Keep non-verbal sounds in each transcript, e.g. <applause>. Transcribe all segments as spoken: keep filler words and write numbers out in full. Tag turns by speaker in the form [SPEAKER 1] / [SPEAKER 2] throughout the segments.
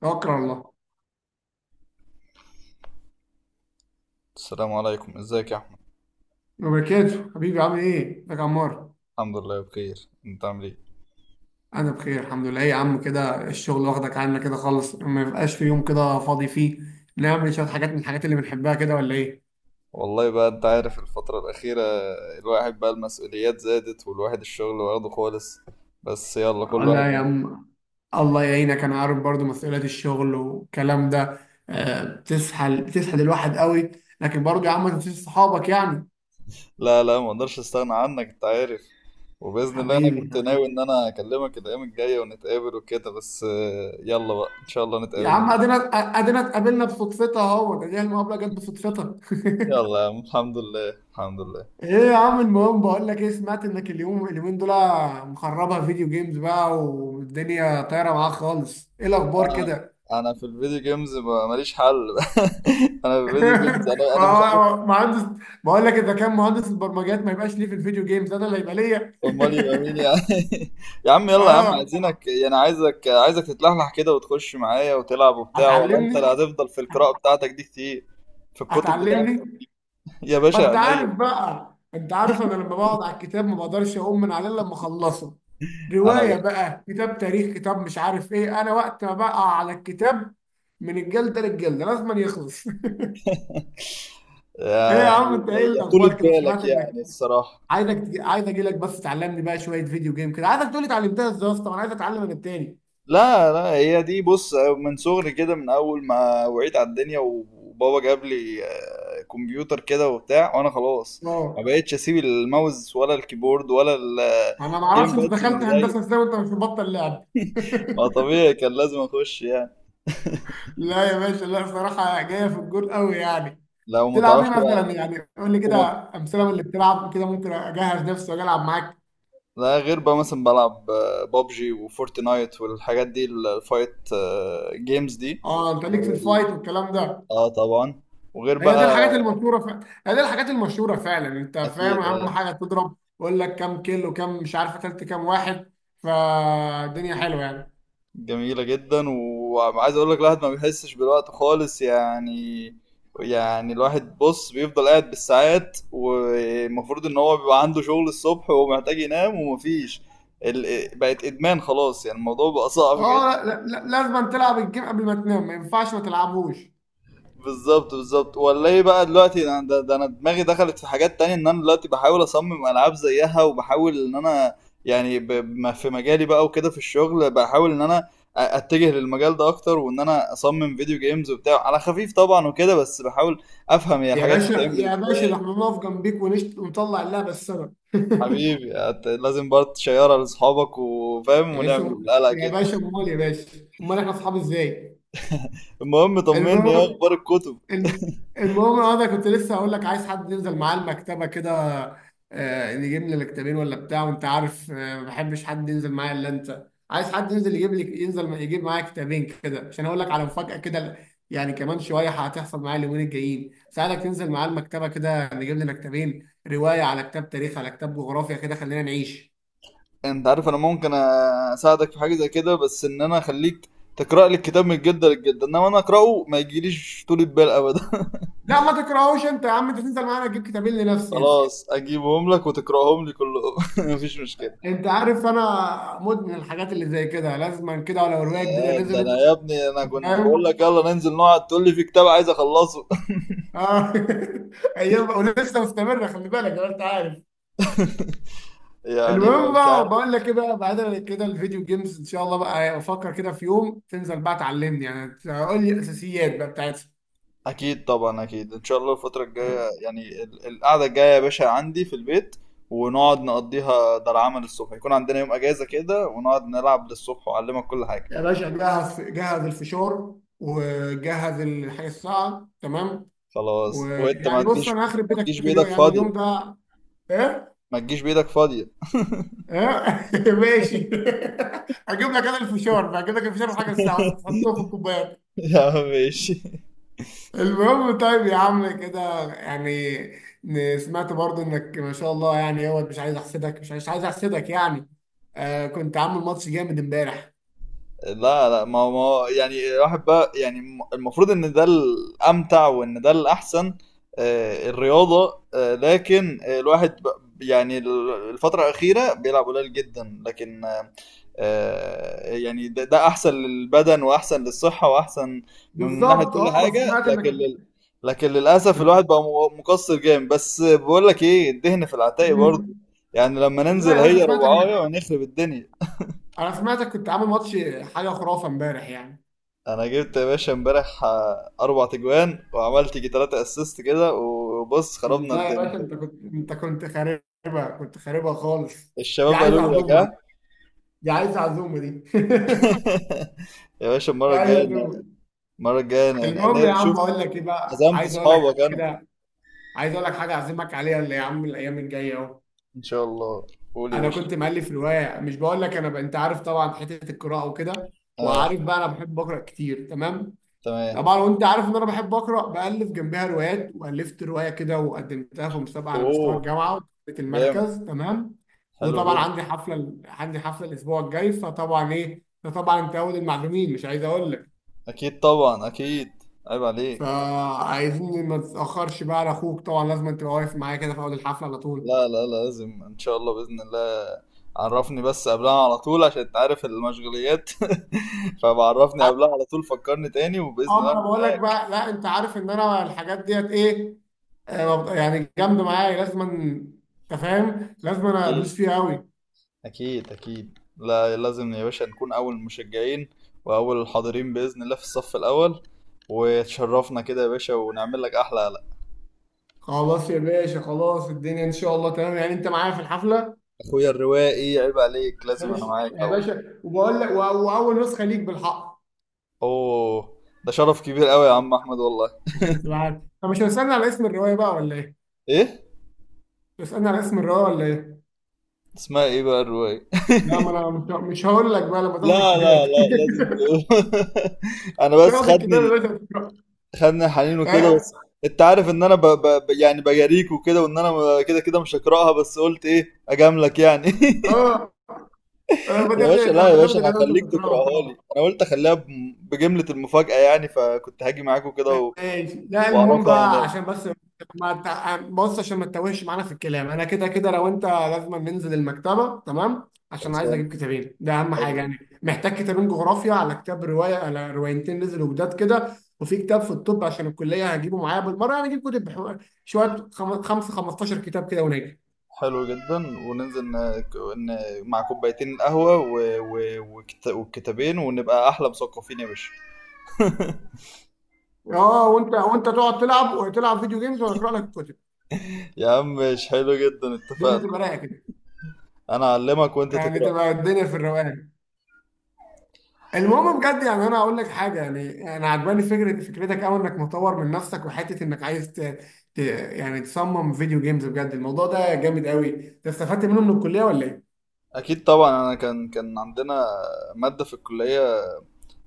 [SPEAKER 1] توكل على الله.
[SPEAKER 2] السلام عليكم، ازيك يا احمد؟
[SPEAKER 1] وبركاته، حبيبي. عامل ايه، ازيك يا عمار؟
[SPEAKER 2] الحمد لله بخير، انت عامل ايه؟
[SPEAKER 1] انا بخير الحمد لله. إيه يا عم، كده الشغل واخدك عنا كده خالص، ما يبقاش في يوم كده فاضي فيه؟ نعمل شويه حاجات من الحاجات اللي بنحبها كده ولا ايه؟
[SPEAKER 2] والله بقى، انت عارف الفترة الأخيرة الواحد بقى المسؤوليات زادت والواحد الشغل واخده خالص. بس يلا كل واحد
[SPEAKER 1] لا يا
[SPEAKER 2] مشغول.
[SPEAKER 1] عم، الله يعينك، انا عارف برضو مسؤوليات الشغل والكلام ده. آه، بتسحل بتسحل الواحد قوي. لكن برضو يا عم ما تنساش صحابك يعني.
[SPEAKER 2] لا لا، ما اقدرش استغنى عنك، انت عارف. وبإذن الله انا
[SPEAKER 1] حبيبي،
[SPEAKER 2] كنت ناوي ان
[SPEAKER 1] حبيبي،
[SPEAKER 2] انا اكلمك الأيام الجاية ونتقابل وكده، بس آه، يلا بقى ان شاء الله
[SPEAKER 1] يا
[SPEAKER 2] نتقابل
[SPEAKER 1] عم
[SPEAKER 2] نجي.
[SPEAKER 1] ادينا، ادينا اتقابلنا بصدفتها اهو، ده دي المقابله جت بصدفتها. <laughs>
[SPEAKER 2] يلا يا عم، الحمد لله الحمد لله.
[SPEAKER 1] ايه يا عم، المهم بقول لك ايه، سمعت انك اليوم اليومين دول مخربها فيديو جيمز بقى والدنيا طايره معاك خالص، ايه الاخبار
[SPEAKER 2] انا
[SPEAKER 1] كده؟
[SPEAKER 2] انا في الفيديو جيمز ما- ماليش حل. <laughs> انا في الفيديو جيمز،
[SPEAKER 1] <laughs>
[SPEAKER 2] انا
[SPEAKER 1] ما-
[SPEAKER 2] انا مش عارف.
[SPEAKER 1] هو مهندس، بقول لك اذا كان مهندس البرمجيات ما يبقاش ليه في الفيديو جيمز انا اللي يبقى ليا.
[SPEAKER 2] امال يبقى مين يا عم؟ <laughs> يا عم
[SPEAKER 1] <laughs>
[SPEAKER 2] يلا يا عم،
[SPEAKER 1] اه.
[SPEAKER 2] عايزينك يعني عايزك عايزك تتلحلح كده وتخش معايا وتلعب وبتاع، ولا انت اللي
[SPEAKER 1] هتعلمني،
[SPEAKER 2] هتفضل في القراءة بتاعتك دي كتير؟ في الكتب بتاعتك.
[SPEAKER 1] هتعلمني
[SPEAKER 2] <laughs> يا
[SPEAKER 1] ما
[SPEAKER 2] باشا
[SPEAKER 1] انت
[SPEAKER 2] عينيا.
[SPEAKER 1] عارف بقى، انت عارف انا لما بقعد على الكتاب ما بقدرش اقوم من عليه إلا لما اخلصه.
[SPEAKER 2] انا
[SPEAKER 1] روايه
[SPEAKER 2] ب-
[SPEAKER 1] بقى، كتاب تاريخ، كتاب مش عارف ايه، انا وقت ما بقى على الكتاب من الجلده للجلده لازم يخلص. <laughs> ايه
[SPEAKER 2] يا-
[SPEAKER 1] يا عم
[SPEAKER 2] يعني
[SPEAKER 1] انت،
[SPEAKER 2] يا
[SPEAKER 1] ايه
[SPEAKER 2] يا طولة
[SPEAKER 1] الاخبار كده، سمعت
[SPEAKER 2] بالك
[SPEAKER 1] انك
[SPEAKER 2] يعني، الصراحة.
[SPEAKER 1] عايزك تجي... عايز اجي لك بس تعلمني بقى شويه فيديو جيم كده، عايزك تقول لي اتعلمتها ازاي يا اسطى، انا عايز اتعلم انا التاني.
[SPEAKER 2] لا لا، هي دي بص من صغري كده، من اول ما وعيت على الدنيا وبابا جاب لي آه، كمبيوتر كده وبتاع، وانا خلاص ما
[SPEAKER 1] اه
[SPEAKER 2] بقتش اسيب الماوس ولا الكيبورد ولا
[SPEAKER 1] انا ما
[SPEAKER 2] الجيم
[SPEAKER 1] اعرفش انت
[SPEAKER 2] بادز من
[SPEAKER 1] دخلت
[SPEAKER 2] ايديا.
[SPEAKER 1] هندسه ازاي وانت مش مبطل لعب.
[SPEAKER 2] ما طبيعي كان لازم اخش يعني.
[SPEAKER 1] <laughs> لا يا باشا، لا صراحه جايه في الجول قوي يعني.
[SPEAKER 2] لو ما
[SPEAKER 1] تلعب ايه
[SPEAKER 2] تعرفش بقى.
[SPEAKER 1] مثلا يعني؟ قول لي كده
[SPEAKER 2] وما...
[SPEAKER 1] امثله من اللي بتلعب كده، ممكن اجهز نفسي واجي العب معاك.
[SPEAKER 2] لا، غير بقى مثلا بلعب بابجي وفورتنايت والحاجات دي، الفايت جيمز دي.
[SPEAKER 1] اه انت ليك في الفايت
[SPEAKER 2] وال-
[SPEAKER 1] والكلام ده.
[SPEAKER 2] اه طبعا. وغير
[SPEAKER 1] هي دي
[SPEAKER 2] بقى.
[SPEAKER 1] الحاجات المشهوره ف... هي دي الحاجات المشهوره فعلا. انت فاهم
[SPEAKER 2] اكيد
[SPEAKER 1] اهم
[SPEAKER 2] آه،
[SPEAKER 1] حاجه؟ تضرب يقول لك كام كيلو، كام مش عارف قتلت كام واحد، فالدنيا حلوه يعني.
[SPEAKER 2] جميلة جدا، وعايز اقول لك الواحد ما بيحسش بالوقت خالص يعني. يعني الواحد بص بيفضل قاعد بالساعات، والمفروض ان هو بيبقى عنده شغل الصبح ومحتاج ينام، ومفيش ال... بقت ادمان خلاص يعني، الموضوع بقى صعب.
[SPEAKER 1] اه لا لا لا- لازم تلعب الجيم قبل ما تنام، ما ينفعش ما تلعبوش.
[SPEAKER 2] بالظبط بالظبط، والله بقى دلوقتي انا ده, ده انا دماغي دخلت في حاجات تانية، ان انا دلوقتي بحاول اصمم العاب زيها، وبحاول ان انا يعني ب- بما في مجالي بقى وكده في الشغل، بحاول ان انا أ- اتجه للمجال ده اكتر، وان انا اصمم فيديو جيمز وبتاع على خفيف طبعا وكده، بس بحاول افهم هي
[SPEAKER 1] يا
[SPEAKER 2] الحاجات دي
[SPEAKER 1] باشا،
[SPEAKER 2] بتتعمل
[SPEAKER 1] يا باشا،
[SPEAKER 2] ازاي.
[SPEAKER 1] ده احنا نقف جنبيك ونشت ونطلع اللعبه السبب.
[SPEAKER 2] حبيبي، هت- لازم برضه تشيرها لاصحابك وفاهم
[SPEAKER 1] يا باشا،
[SPEAKER 2] ونعمل قلق
[SPEAKER 1] يا
[SPEAKER 2] كده.
[SPEAKER 1] باشا،
[SPEAKER 2] <laughs>
[SPEAKER 1] امال يا باشا، امال احنا اصحاب ازاي؟
[SPEAKER 2] المهم طمني، ايه
[SPEAKER 1] المهم،
[SPEAKER 2] اخبار الكتب؟
[SPEAKER 1] الم- المهم اه، انا ده كنت لسه هقول لك عايز حد ينزل معاه المكتبه كده، آه، نجيب لنا كتابين ولا بتاع، وانت عارف، آه، ما بحبش حد ينزل معايا الا انت. عايز حد ينزل يجيب لي، ينزل يجيب معايا كتابين كده، عشان اقول لك على مفاجاه كده يعني كمان شويه هتحصل معايا اليومين الجايين. سألك تنزل معاه المكتبه كده، نجيب لنا كتابين، روايه على كتاب تاريخ على كتاب جغرافيا كده، خلينا نعيش.
[SPEAKER 2] انت عارف انا ممكن اساعدك في حاجه زي كده، بس ان انا اخليك تقرا لي الكتاب من الجده للجده، انما انا اقراه ما يجيليش طول البال ابدا. <laughs>
[SPEAKER 1] لا ما تكرهوش انت يا عم، انت تنزل معانا تجيب كتابين لنفسي يعني.
[SPEAKER 2] خلاص اجيبهم لك وتقراهم لي كلهم. <laughs> مفيش مشكله.
[SPEAKER 1] انت عارف انا مدمن الحاجات اللي زي كده، لازما كده، ولو روايه جديده
[SPEAKER 2] آه، ده انا
[SPEAKER 1] نزلت.
[SPEAKER 2] يا ابني انا كنت بقول
[SPEAKER 1] فاهم.
[SPEAKER 2] لك يلا ننزل نقعد، تقول لي في كتاب عايز اخلصه.
[SPEAKER 1] اه. <laughs> ايام ولسه مستمره، خلي بالك، لو انت عارف.
[SPEAKER 2] <laughs> يعني
[SPEAKER 1] المهم
[SPEAKER 2] مش
[SPEAKER 1] بقى،
[SPEAKER 2] عارف.
[SPEAKER 1] بقول لك ايه بقى، بعيدا عن كده، الفيديو جيمز ان شاء الله بقى افكر كده في يوم تنزل بقى تعلمني يعني، تقول لي الاساسيات بقى بتاعتها.
[SPEAKER 2] اكيد طبعا اكيد، ان شاء الله الفتره الجايه يعني ال- القعده الجايه يا باشا عندي في البيت، ونقعد نقضيها. ده العمل الصبح يكون عندنا يوم اجازه كده ونقعد نلعب للصبح، واعلمك كل حاجه.
[SPEAKER 1] يا باشا، جهز جهز الفشار، وجهز الحاجه الساعه تمام.
[SPEAKER 2] خلاص، وانت ما
[SPEAKER 1] ويعني بص،
[SPEAKER 2] تجيش.
[SPEAKER 1] انا هخرب
[SPEAKER 2] ما
[SPEAKER 1] بيتك
[SPEAKER 2] تجيش
[SPEAKER 1] في اليوم
[SPEAKER 2] بايدك
[SPEAKER 1] يعني اليوم
[SPEAKER 2] فاضية.
[SPEAKER 1] ده. ايه.
[SPEAKER 2] ما تجيش بايدك فاضية.
[SPEAKER 1] ايه. <laughs> ماشي. <laughs> هجيب لك انا الفشار بقى، هجيب لك الفشار وحاجه الساعه، وانت
[SPEAKER 2] <laughs>
[SPEAKER 1] تحطه في الكوبايه.
[SPEAKER 2] يا عم ماشي.
[SPEAKER 1] المهم طيب يا عم كده يعني، ن- سمعت برضو انك ما شاء الله يعني، هو مش عايز احسدك، مش عايز مش عايز احسدك يعني، آه كنت عامل ماتش جامد امبارح.
[SPEAKER 2] لا لا، ما ما هو يعني الواحد بقى يعني الم- المفروض ان ده الامتع وان ده الاحسن. آه، الرياضة، آه، لكن آه، الواحد بق- يعني ال- الفترة الأخيرة بيلعب قليل جدا، لكن آه، آه، يعني ده, ده أحسن للبدن وأحسن للصحة وأحسن من ناحية
[SPEAKER 1] بالظبط.
[SPEAKER 2] كل
[SPEAKER 1] اه بس
[SPEAKER 2] حاجة،
[SPEAKER 1] سمعت انك
[SPEAKER 2] لكن لل... لكن للأسف الواحد
[SPEAKER 1] كنت.
[SPEAKER 2] بقى م- مقصر جامد، بس بقول لك إيه الدهن في العتاق برضه.
[SPEAKER 1] مم.
[SPEAKER 2] يعني لما
[SPEAKER 1] لا
[SPEAKER 2] ننزل
[SPEAKER 1] يا باشا،
[SPEAKER 2] هي
[SPEAKER 1] سمعتك
[SPEAKER 2] ربعاية
[SPEAKER 1] انك،
[SPEAKER 2] ونخرب الدنيا.
[SPEAKER 1] انا سمعتك كنت عامل ماتش حاجه خرافه امبارح يعني.
[SPEAKER 2] انا جبت يا باشا امبارح آه، اربع تجوان، وعملت جي تلاتة اسيست كده وبص خربنا
[SPEAKER 1] لا يا
[SPEAKER 2] الدنيا
[SPEAKER 1] باشا، انت
[SPEAKER 2] خالص.
[SPEAKER 1] كنت انت كنت خاربها، كنت خاربها خالص. دي
[SPEAKER 2] الشباب
[SPEAKER 1] عايزه
[SPEAKER 2] قالوا لك
[SPEAKER 1] عزومه دي،
[SPEAKER 2] ها.
[SPEAKER 1] دي عايزه عزومه دي. <laughs>
[SPEAKER 2] <laughs> يا باشا،
[SPEAKER 1] دي
[SPEAKER 2] المره
[SPEAKER 1] عايزه
[SPEAKER 2] الجايه أنا-
[SPEAKER 1] عزومه.
[SPEAKER 2] المره الجايه انا أنا-
[SPEAKER 1] المهم يا
[SPEAKER 2] أنا
[SPEAKER 1] عم،
[SPEAKER 2] شفت
[SPEAKER 1] بقول لك ايه بقى،
[SPEAKER 2] عزمت
[SPEAKER 1] عايز اقول لك
[SPEAKER 2] اصحابك انا.
[SPEAKER 1] كده، عايز اقول لك حاجه اعزمك عليها، اللي يا عم الايام الجايه اهو.
[SPEAKER 2] ان شاء الله، قول يا
[SPEAKER 1] انا
[SPEAKER 2] باشا.
[SPEAKER 1] كنت مؤلف روايه، مش بقول لك انا ب... انت عارف طبعا حته القراءه وكده،
[SPEAKER 2] اه.
[SPEAKER 1] وعارف بقى انا بحب اقرا كتير تمام.
[SPEAKER 2] تمام.
[SPEAKER 1] طبعا، وانت عارف ان انا بحب اقرا، بالف جنبها روايات، والفت روايه كده وقدمتها في مسابقه على مستوى
[SPEAKER 2] اوه،
[SPEAKER 1] الجامعه وكسبت
[SPEAKER 2] جامد،
[SPEAKER 1] المركز تمام.
[SPEAKER 2] حلو
[SPEAKER 1] وطبعا
[SPEAKER 2] جدا.
[SPEAKER 1] عندي حفله ال- عندي حفله الاسبوع الجاي، فطبعا ايه ده، طبعا انت اول المعلومين، مش عايز اقول لك.
[SPEAKER 2] اكيد طبعا اكيد، عيب عليك.
[SPEAKER 1] فعايزين ما تتاخرش بقى على اخوك، طبعا لازم انت واقف معايا كده في اول الحفله على طول.
[SPEAKER 2] لا لا لا، لازم ان شاء الله باذن الله. عرفني بس قبلها على طول عشان انت عارف المشغوليات. <laughs> فبعرفني قبلها على طول، فكرني تاني، وباذن
[SPEAKER 1] اه
[SPEAKER 2] الله
[SPEAKER 1] ما
[SPEAKER 2] أنا
[SPEAKER 1] انا بقول لك
[SPEAKER 2] معاك.
[SPEAKER 1] بقى، لا انت عارف ان انا الحاجات ديت ايه، آه، ببقى يعني جامده معايا، لازم انت فاهم، لازم انا
[SPEAKER 2] اكيد
[SPEAKER 1] ادوس فيها قوي.
[SPEAKER 2] اكيد اكيد، لا لازم يا باشا نكون اول المشجعين، واول الحاضرين باذن الله في الصف الاول، وتشرفنا كده يا باشا ونعمل لك احلى قلق.
[SPEAKER 1] خلاص يا باشا، خلاص، الدنيا ان شاء الله تمام يعني، انت معايا في الحفله.
[SPEAKER 2] اخويا الروائي عيب عليك، لازم انا
[SPEAKER 1] ماشي
[SPEAKER 2] معاك
[SPEAKER 1] يا
[SPEAKER 2] طبعا.
[SPEAKER 1] باشا، وبقول لك و- واول نسخه ليك بالحق،
[SPEAKER 2] اوه، ده شرف كبير قوي يا عم احمد والله.
[SPEAKER 1] عشان تبقى عارف. طب مش هتسالني على اسم الروايه بقى ولا ايه؟
[SPEAKER 2] ايه؟
[SPEAKER 1] تسالني على اسم الروايه ولا ايه؟
[SPEAKER 2] اسمها ايه بقى الرواية؟
[SPEAKER 1] لا ما انا مش مش هقول لك بقى، لما تاخد
[SPEAKER 2] لا
[SPEAKER 1] الكتاب.
[SPEAKER 2] لا لا، لازم تقول. <laughs> انا
[SPEAKER 1] <laughs>
[SPEAKER 2] بس
[SPEAKER 1] تاخد الكتاب
[SPEAKER 2] خدني
[SPEAKER 1] يا
[SPEAKER 2] ال-
[SPEAKER 1] باشا تقراه.
[SPEAKER 2] خدني الحنين وكده
[SPEAKER 1] ها؟
[SPEAKER 2] بس. انت عارف ان انا ب... ب... ب- يعني بجاريك وكده، وان انا م- كده كده مش هقراها، بس قلت ايه اجاملك يعني.
[SPEAKER 1] اه، لما
[SPEAKER 2] <laughs> يا
[SPEAKER 1] تاخد
[SPEAKER 2] باشا، لا يا
[SPEAKER 1] لما
[SPEAKER 2] باشا
[SPEAKER 1] تاخد
[SPEAKER 2] انا
[SPEAKER 1] الروايه، مش
[SPEAKER 2] هخليك تقراها لي.
[SPEAKER 1] هتقراها.
[SPEAKER 2] انا قلت اخليها ب... بجملة المفاجأة يعني، فكنت هاجي معاك وكده و...
[SPEAKER 1] ماشي. لا المهم
[SPEAKER 2] واعرفها
[SPEAKER 1] بقى
[SPEAKER 2] هناك.
[SPEAKER 1] عشان بس، ما تع- بص عشان ما تتوهش معانا في الكلام، انا كده كده لو انت، لازم ننزل المكتبه تمام، عشان عايز
[SPEAKER 2] خلصان،
[SPEAKER 1] اجيب كتابين، ده اهم حاجه
[SPEAKER 2] حلو،
[SPEAKER 1] يعني، محتاج كتابين جغرافيا على كتاب روايه على روايتين نزلوا جداد كده، وفي كتاب في الطب عشان الكليه هجيبه معايا بالمره يعني، اجيب كتب بحو- شويه، خم- خمسه خمستاشر كتاب كده ونجي.
[SPEAKER 2] حلو جدا. وننزل ن... ن... مع كوبايتين قهوة و... و... وكت... والكتابين، ونبقى احلى مثقفين يا باشا.
[SPEAKER 1] اه، وانت، وانت تقعد تلعب وتلعب فيديو جيمز وانا اقرا لك الكتب.
[SPEAKER 2] <laughs> يا عم مش حلو جدا؟
[SPEAKER 1] الدنيا
[SPEAKER 2] اتفقنا،
[SPEAKER 1] تبقى رايقه كده
[SPEAKER 2] انا اعلمك وانت
[SPEAKER 1] يعني،
[SPEAKER 2] تقرا.
[SPEAKER 1] تبقى الدنيا في الروقان. المهم بجد، يعني انا اقول لك حاجه، يعني انا عجباني فكره فكرتك قوي، انك مطور من نفسك وحته انك عايز ت... ت... يعني تصمم فيديو جيمز، بجد الموضوع ده جامد قوي. انت استفدت منه من الكليه ولا ايه؟
[SPEAKER 2] اكيد طبعا، انا كان كان عندنا ماده في الكليه،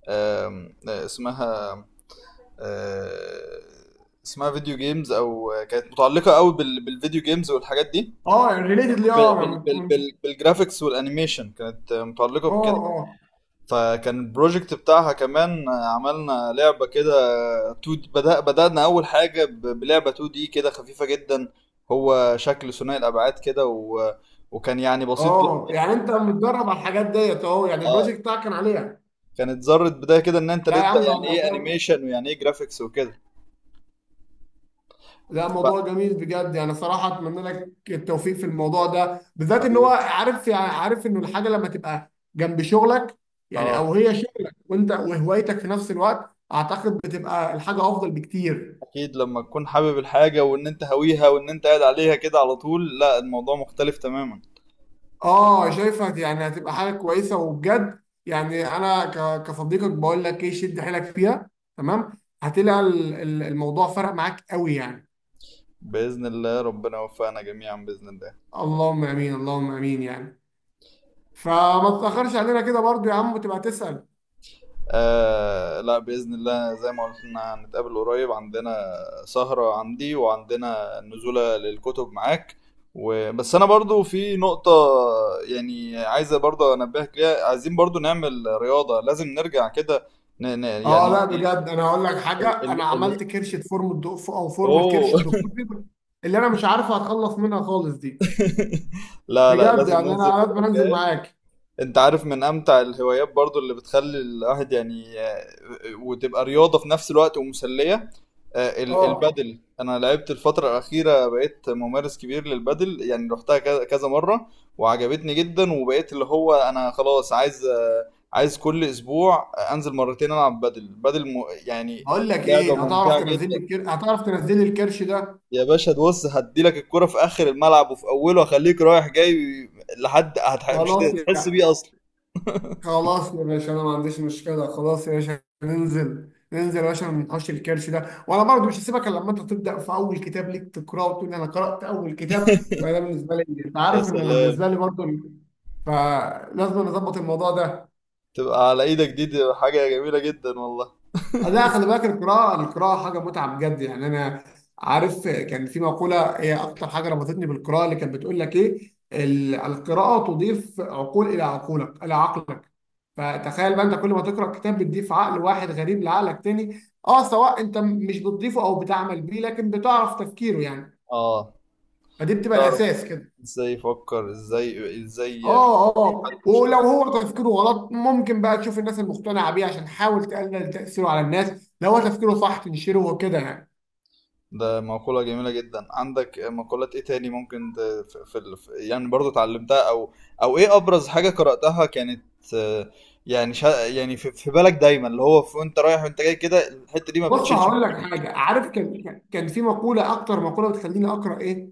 [SPEAKER 2] آم، آه، اسمها آه، اسمها فيديو جيمز، او كانت متعلقه قوي بال- بالفيديو جيمز والحاجات دي،
[SPEAKER 1] اه، ريليتد ليه.
[SPEAKER 2] بال-
[SPEAKER 1] اه
[SPEAKER 2] بال-
[SPEAKER 1] من-
[SPEAKER 2] بال-
[SPEAKER 1] من-
[SPEAKER 2] بال- بالجرافيكس والانيميشن، كانت متعلقه
[SPEAKER 1] اه
[SPEAKER 2] بكده.
[SPEAKER 1] اه
[SPEAKER 2] فكان البروجكت بتاعها كمان عملنا لعبه كده تو، بدأ بدأنا اول حاجه ب- بلعبه تو دي كده، خفيفه جدا. هو شكل ثنائي الابعاد كده و... وكان يعني بسيط جدا.
[SPEAKER 1] اه يعني انت متدرب على الحاجات ديت اهو، يعني
[SPEAKER 2] اه،
[SPEAKER 1] البروجكت بتاعك كان عليها.
[SPEAKER 2] كانت ذرة بداية كده ان انت
[SPEAKER 1] لا يا
[SPEAKER 2] تبدأ
[SPEAKER 1] عم، ده
[SPEAKER 2] يعني ايه
[SPEAKER 1] الموضوع،
[SPEAKER 2] انيميشن، ويعني ايه جرافيكس وكده.
[SPEAKER 1] لا
[SPEAKER 2] بقى،
[SPEAKER 1] موضوع جميل بجد يعني، صراحة أتمنى لك التوفيق في الموضوع ده بالذات، إن هو
[SPEAKER 2] حبيبي.
[SPEAKER 1] عارف يعني، عارف إنه الحاجة لما تبقى جنب شغلك يعني،
[SPEAKER 2] اه،
[SPEAKER 1] أو هي شغلك وأنت وهوايتك في نفس الوقت، أعتقد بتبقى الحاجة أفضل بكتير.
[SPEAKER 2] اكيد لما تكون حابب الحاجة وان انت هاويها وان انت قاعد عليها كده على طول، لا الموضوع مختلف تماما.
[SPEAKER 1] آه شايفها يعني هتبقى حاجة كويسة وبجد يعني أنا ك- كصديقك بقول لك إيه، شد حيلك فيها. تمام، هتلاقي ال- ال- الموضوع فرق معاك قوي يعني.
[SPEAKER 2] بإذن الله ربنا يوفقنا جميعا بإذن الله.
[SPEAKER 1] اللهم آمين، اللهم آمين يعني. فما تتأخرش علينا كده برضو يا عم، وتبقى تسأل.
[SPEAKER 2] آه لا، بإذن الله زي ما قلنا هنتقابل قريب، عندنا سهرة عندي وعندنا نزولة للكتب معاك. وبس، أنا برضو في نقطة يعني عايزة برضو أنبهك ليها، عايزين برضو نعمل رياضة، لازم نرجع كده. ن... ن...
[SPEAKER 1] اه
[SPEAKER 2] يعني
[SPEAKER 1] لا
[SPEAKER 2] ال...
[SPEAKER 1] بجد، انا هقول لك حاجه،
[SPEAKER 2] ال...
[SPEAKER 1] انا
[SPEAKER 2] ال...
[SPEAKER 1] عملت كرشه فورمه دو... او فورمه كرش
[SPEAKER 2] أوه. <laughs>
[SPEAKER 1] الدكتور فيبر اللي انا مش عارف اتخلص منها خالص دي،
[SPEAKER 2] لا لا
[SPEAKER 1] بجد
[SPEAKER 2] لازم
[SPEAKER 1] يعني
[SPEAKER 2] ننزل
[SPEAKER 1] انا لازم انزل
[SPEAKER 2] كده.
[SPEAKER 1] معاك.
[SPEAKER 2] انت عارف من امتع الهوايات برضو اللي بتخلي الواحد يعني، آه، وتبقى رياضة في نفس الوقت ومسلية. آه، ال-
[SPEAKER 1] اه،
[SPEAKER 2] البادل انا لعبت الفترة الاخيرة، بقيت ممارس كبير للبادل يعني، رحتها كذا كذا مرة وعجبتني جدا، وبقيت اللي هو انا خلاص عايز آه، عايز كل اسبوع انزل مرتين العب بادل بادل م... يعني
[SPEAKER 1] هقول لك
[SPEAKER 2] لعبة
[SPEAKER 1] ايه، هتعرف
[SPEAKER 2] ممتعة
[SPEAKER 1] تنزل لي
[SPEAKER 2] جدا.
[SPEAKER 1] الكر... هتعرف تنزل لي الكرش ده؟
[SPEAKER 2] يا باشا تبص، هديلك الكرة في اخر الملعب وفي اوله، هخليك رايح جاي لحد هتح... مش
[SPEAKER 1] خلاص
[SPEAKER 2] هتحس
[SPEAKER 1] يعني،
[SPEAKER 2] بيه اصلا.
[SPEAKER 1] خلاص يا باشا، انا ما عنديش مشكله، خلاص يا باشا، ننزل، ننزل يا باشا، ما ننحوش الكرش ده، وانا برضه مش هسيبك الا لما انت تبدا في اول كتاب ليك تقراه وتقول انا قرات اول كتاب، يبقى ده بالنسبه لي، انت
[SPEAKER 2] يا
[SPEAKER 1] عارف ان
[SPEAKER 2] سلام،
[SPEAKER 1] بالنسبه لي برضه ال- فلازم نظبط الموضوع ده.
[SPEAKER 2] تبقى على ايدك دي, دي حاجة جميلة جدا والله.
[SPEAKER 1] آه، لا خلي بالك، القراءة، القراءة حاجة متعة بجد يعني، أنا عارف كان في مقولة هي أكتر حاجة ربطتني بالقراءة، اللي كانت بتقول لك إيه ال- القراءة تضيف عقول إلى عقولك، إلى عقلك. فتخيل بقى أنت كل ما تقرأ كتاب بتضيف عقل واحد غريب لعقلك تاني، أه سواء أنت مش بتضيفه أو بتعمل بيه لكن بتعرف تفكيره يعني،
[SPEAKER 2] اه،
[SPEAKER 1] فدي بتبقى
[SPEAKER 2] بتعرف
[SPEAKER 1] الأساس كده.
[SPEAKER 2] ازاي يفكر، ازاي ازاي بي-
[SPEAKER 1] اه
[SPEAKER 2] بيحل
[SPEAKER 1] اه، ولو
[SPEAKER 2] مشكلات.
[SPEAKER 1] هو تفكيره غلط ممكن بقى تشوف الناس المقتنعة بيه عشان تحاول تقلل تأثيره على الناس، لو هو تفكيره صح تنشره وكده يعني.
[SPEAKER 2] ده مقولة جميلة جدا، عندك مقولات ايه تاني ممكن ت- في في ال- في- يعني برضو اتعلمتها او او، ايه ابرز حاجة قرأتها كانت؟ آه، يعني شا يعني في, في بالك دايما اللي هو في- وانت رايح وانت جاي كده، الحتة دي ما
[SPEAKER 1] بص
[SPEAKER 2] بتشيلش من
[SPEAKER 1] هقول لك
[SPEAKER 2] دماغك.
[SPEAKER 1] حاجه، عارف كان كان كان في مقوله، اكتر مقوله بتخليني اقرا ايه،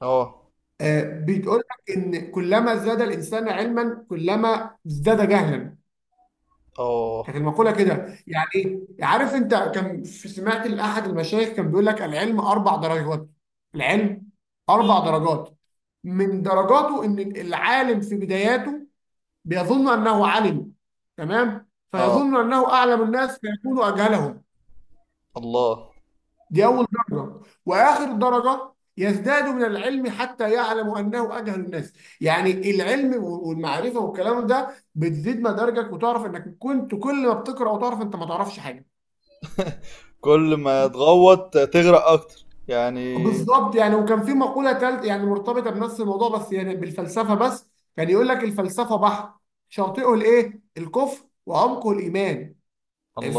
[SPEAKER 2] اه
[SPEAKER 1] آه بتقول لك ان كلما زاد الانسان علما كلما ازداد جهلا،
[SPEAKER 2] اه
[SPEAKER 1] كانت المقوله كده. يعني ايه؟ عارف انت، كان في سمعت لاحد المشايخ كان بيقول لك العلم اربع درجات، العلم اربع درجات من درجاته ان العالم في بداياته بيظن انه عالم تمام،
[SPEAKER 2] اه.
[SPEAKER 1] فيظن انه اعلم الناس فيكون اجهلهم،
[SPEAKER 2] الله.
[SPEAKER 1] دي أول درجة. وآخر درجة يزداد من العلم حتى يعلم أنه أجهل الناس، يعني العلم والمعرفة والكلام ده بتزيد مدارجك وتعرف أنك كنت، كل ما بتقرأ وتعرف أنت ما تعرفش حاجة.
[SPEAKER 2] كل ما تغوط تغرق اكتر يعني.
[SPEAKER 1] بالظبط يعني. وكان في مقولة تالت يعني مرتبطة بنفس الموضوع بس يعني بالفلسفة بس، كان يقول لك الفلسفة بحر شاطئه الإيه؟ الكفر، وعمقه الإيمان.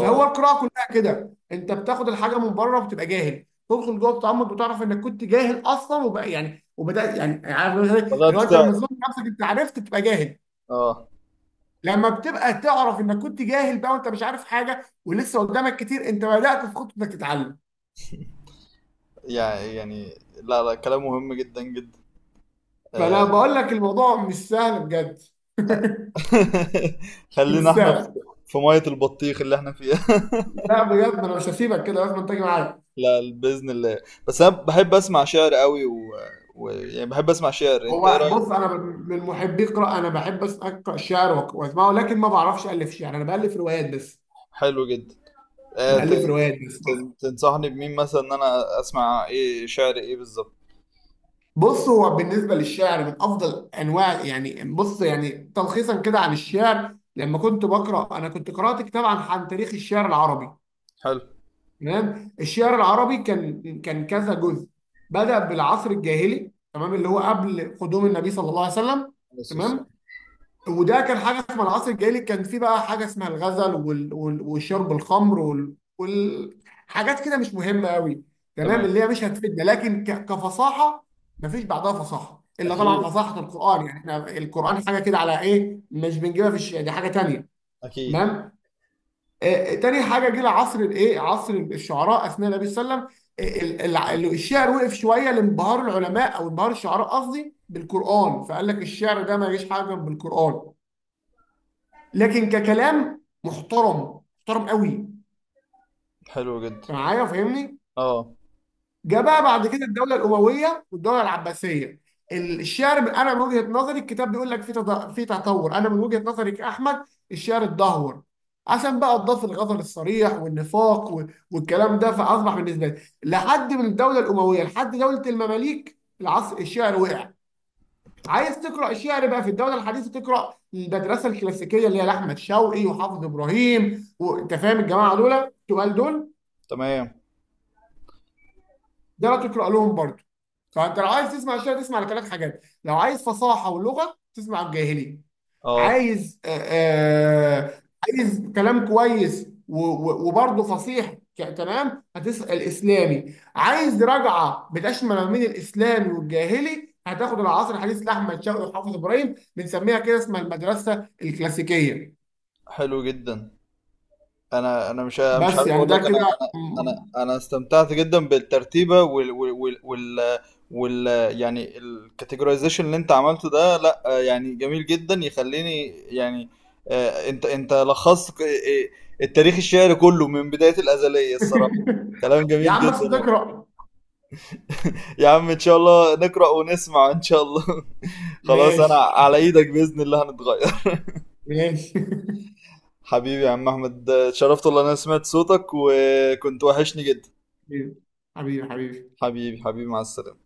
[SPEAKER 1] فهو القراءه كلها كده، انت بتاخد الحاجه من بره وبتبقى جاهل، تدخل جوه التعمق بتعرف انك كنت جاهل اصلا، وبقى يعني وبدات يعني عارف، اللي
[SPEAKER 2] بدأت
[SPEAKER 1] هو انت لما
[SPEAKER 2] تعرف.
[SPEAKER 1] تظن نفسك انت عرفت تبقى جاهل،
[SPEAKER 2] اه،
[SPEAKER 1] لما بتبقى تعرف انك كنت جاهل بقى وانت مش عارف حاجه ولسه قدامك كتير، انت بدات في خطوه انك تتعلم.
[SPEAKER 2] يعني يعني لا لا كلام مهم جدا جدا.
[SPEAKER 1] فانا
[SPEAKER 2] آه،
[SPEAKER 1] بقول لك الموضوع مش سهل بجد،
[SPEAKER 2] <laughs>
[SPEAKER 1] مش
[SPEAKER 2] خلينا احنا في
[SPEAKER 1] سهل.
[SPEAKER 2] في مية البطيخ اللي احنا فيها. <laughs>
[SPEAKER 1] لا بجد انا مش هسيبك كده، لازم تيجي معايا.
[SPEAKER 2] لا بإذن الله، بس انا بحب اسمع شعر قوي و... و... يعني بحب اسمع شعر، انت ايه
[SPEAKER 1] هو
[SPEAKER 2] رأيك؟
[SPEAKER 1] بص، انا من من محبي القراءه، انا بحب أس- اقرا الشعر وأك- واسمعه، لكن ما بعرفش الف شعر، انا بالف روايات بس،
[SPEAKER 2] حلو جدا. آه، ت...
[SPEAKER 1] بألف روايات بس
[SPEAKER 2] تن- تنصحني بمين مثلا ان انا اسمع، ايه شعر ايه بالظبط؟
[SPEAKER 1] بص هو بالنسبة للشعر من أفضل أنواع، يعني بص يعني تلخيصا كده عن الشعر، لما كنت بقرأ أنا كنت قرأت كتاب عن عن تاريخ الشعر العربي
[SPEAKER 2] حلو.
[SPEAKER 1] تمام. الشعر العربي كان كان كذا جزء، بدأ بالعصر الجاهلي تمام، اللي هو قبل قدوم النبي صلى الله عليه وسلم
[SPEAKER 2] بس السلام.
[SPEAKER 1] تمام، وده كان حاجه اسمها العصر الجاهلي، كان في بقى حاجه اسمها الغزل وال... وال... وشرب الخمر وال... وال... حاجات كده مش مهمه قوي تمام،
[SPEAKER 2] تمام.
[SPEAKER 1] اللي هي مش هتفيدنا، لكن ك... كفصاحه، مفيش بعدها فصاحه الا طبعا
[SPEAKER 2] اكيد
[SPEAKER 1] فصاحه القران، يعني احنا القران حاجه كده على ايه، مش بنجيبها في الش... دي حاجه تانيه
[SPEAKER 2] اكيد.
[SPEAKER 1] تمام. آه آه، تاني حاجه جه عصر الايه، عصر الشعراء اثناء النبي صلى الله عليه وسلم، ال- ال- ال- الشعر وقف شويه لانبهار العلماء او انبهار الشعراء قصدي بالقران، فقال لك الشعر ده ما يجيش حاجه بالقران، لكن ككلام محترم، محترم قوي. انت
[SPEAKER 2] حلو جدا.
[SPEAKER 1] معايا فاهمني؟
[SPEAKER 2] اه
[SPEAKER 1] جاء بقى بعد كده الدوله الامويه والدوله العباسيه، الشعر ب- انا من وجهه نظري الكتاب بيقول لك في تد- في تطور، انا من وجهه نظري كاحمد الشعر اتدهور، عشان بقى اضاف الغزل الصريح والنفاق و- والكلام ده، فاصبح بالنسبه لي لحد من الدوله الامويه لحد دوله المماليك العصر الشعر وقع. عايز تقرا شعر بقى في الدوله الحديثه، تقرا المدرسه الكلاسيكيه اللي هي لاحمد شوقي وحافظ ابراهيم، وانت فاهم الجماعه دول تقال دول،
[SPEAKER 2] تمام
[SPEAKER 1] ده لا تقرا لهم برضه. فانت لو عايز تسمع الشعر، تسمع لثلاث حاجات: لو عايز فصاحه ولغه تسمع الجاهلي،
[SPEAKER 2] اه.
[SPEAKER 1] عايز آه، آه، عايز كلام كويس و- و- وبرضه فصيح ك- كلام هتسأل إسلامي، عايز رجعة بتشمل ما بين الإسلامي والجاهلي هتاخد العصر الحديث لأحمد شوقي وحافظ إبراهيم، بنسميها كده اسمها المدرسة الكلاسيكية.
[SPEAKER 2] حلو جدا. انا انا مش مش
[SPEAKER 1] بس
[SPEAKER 2] عارف
[SPEAKER 1] يعني
[SPEAKER 2] اقول
[SPEAKER 1] ده
[SPEAKER 2] لك انا
[SPEAKER 1] كده.
[SPEAKER 2] انا انا انا استمتعت جدا بالترتيبه وال وال وال, وال, وال يعني الكاتيجورايزيشن اللي انت عملته ده. لا آه، يعني جميل جدا يخليني يعني. آه، انت انت لخصت ك- آه، التاريخ الشعري كله من بدايه الازليه الصراحه.
[SPEAKER 1] <laughs>
[SPEAKER 2] كلام
[SPEAKER 1] يا
[SPEAKER 2] جميل
[SPEAKER 1] عم بس
[SPEAKER 2] جدا والله.
[SPEAKER 1] تقرأ.
[SPEAKER 2] <laughs> يا عم ان شاء الله نقرا ونسمع ان شاء الله. <laughs> خلاص انا
[SPEAKER 1] ماشي.
[SPEAKER 2] على ايدك باذن الله هنتغير. <laughs>
[SPEAKER 1] ماشي.
[SPEAKER 2] حبيبي يا عم احمد، آه، اتشرفت والله إن انا سمعت صوتك وكنت وحشني جدا.
[SPEAKER 1] <laughs> حبيبي حبيبي.
[SPEAKER 2] حبيبي حبيبي، مع السلامة.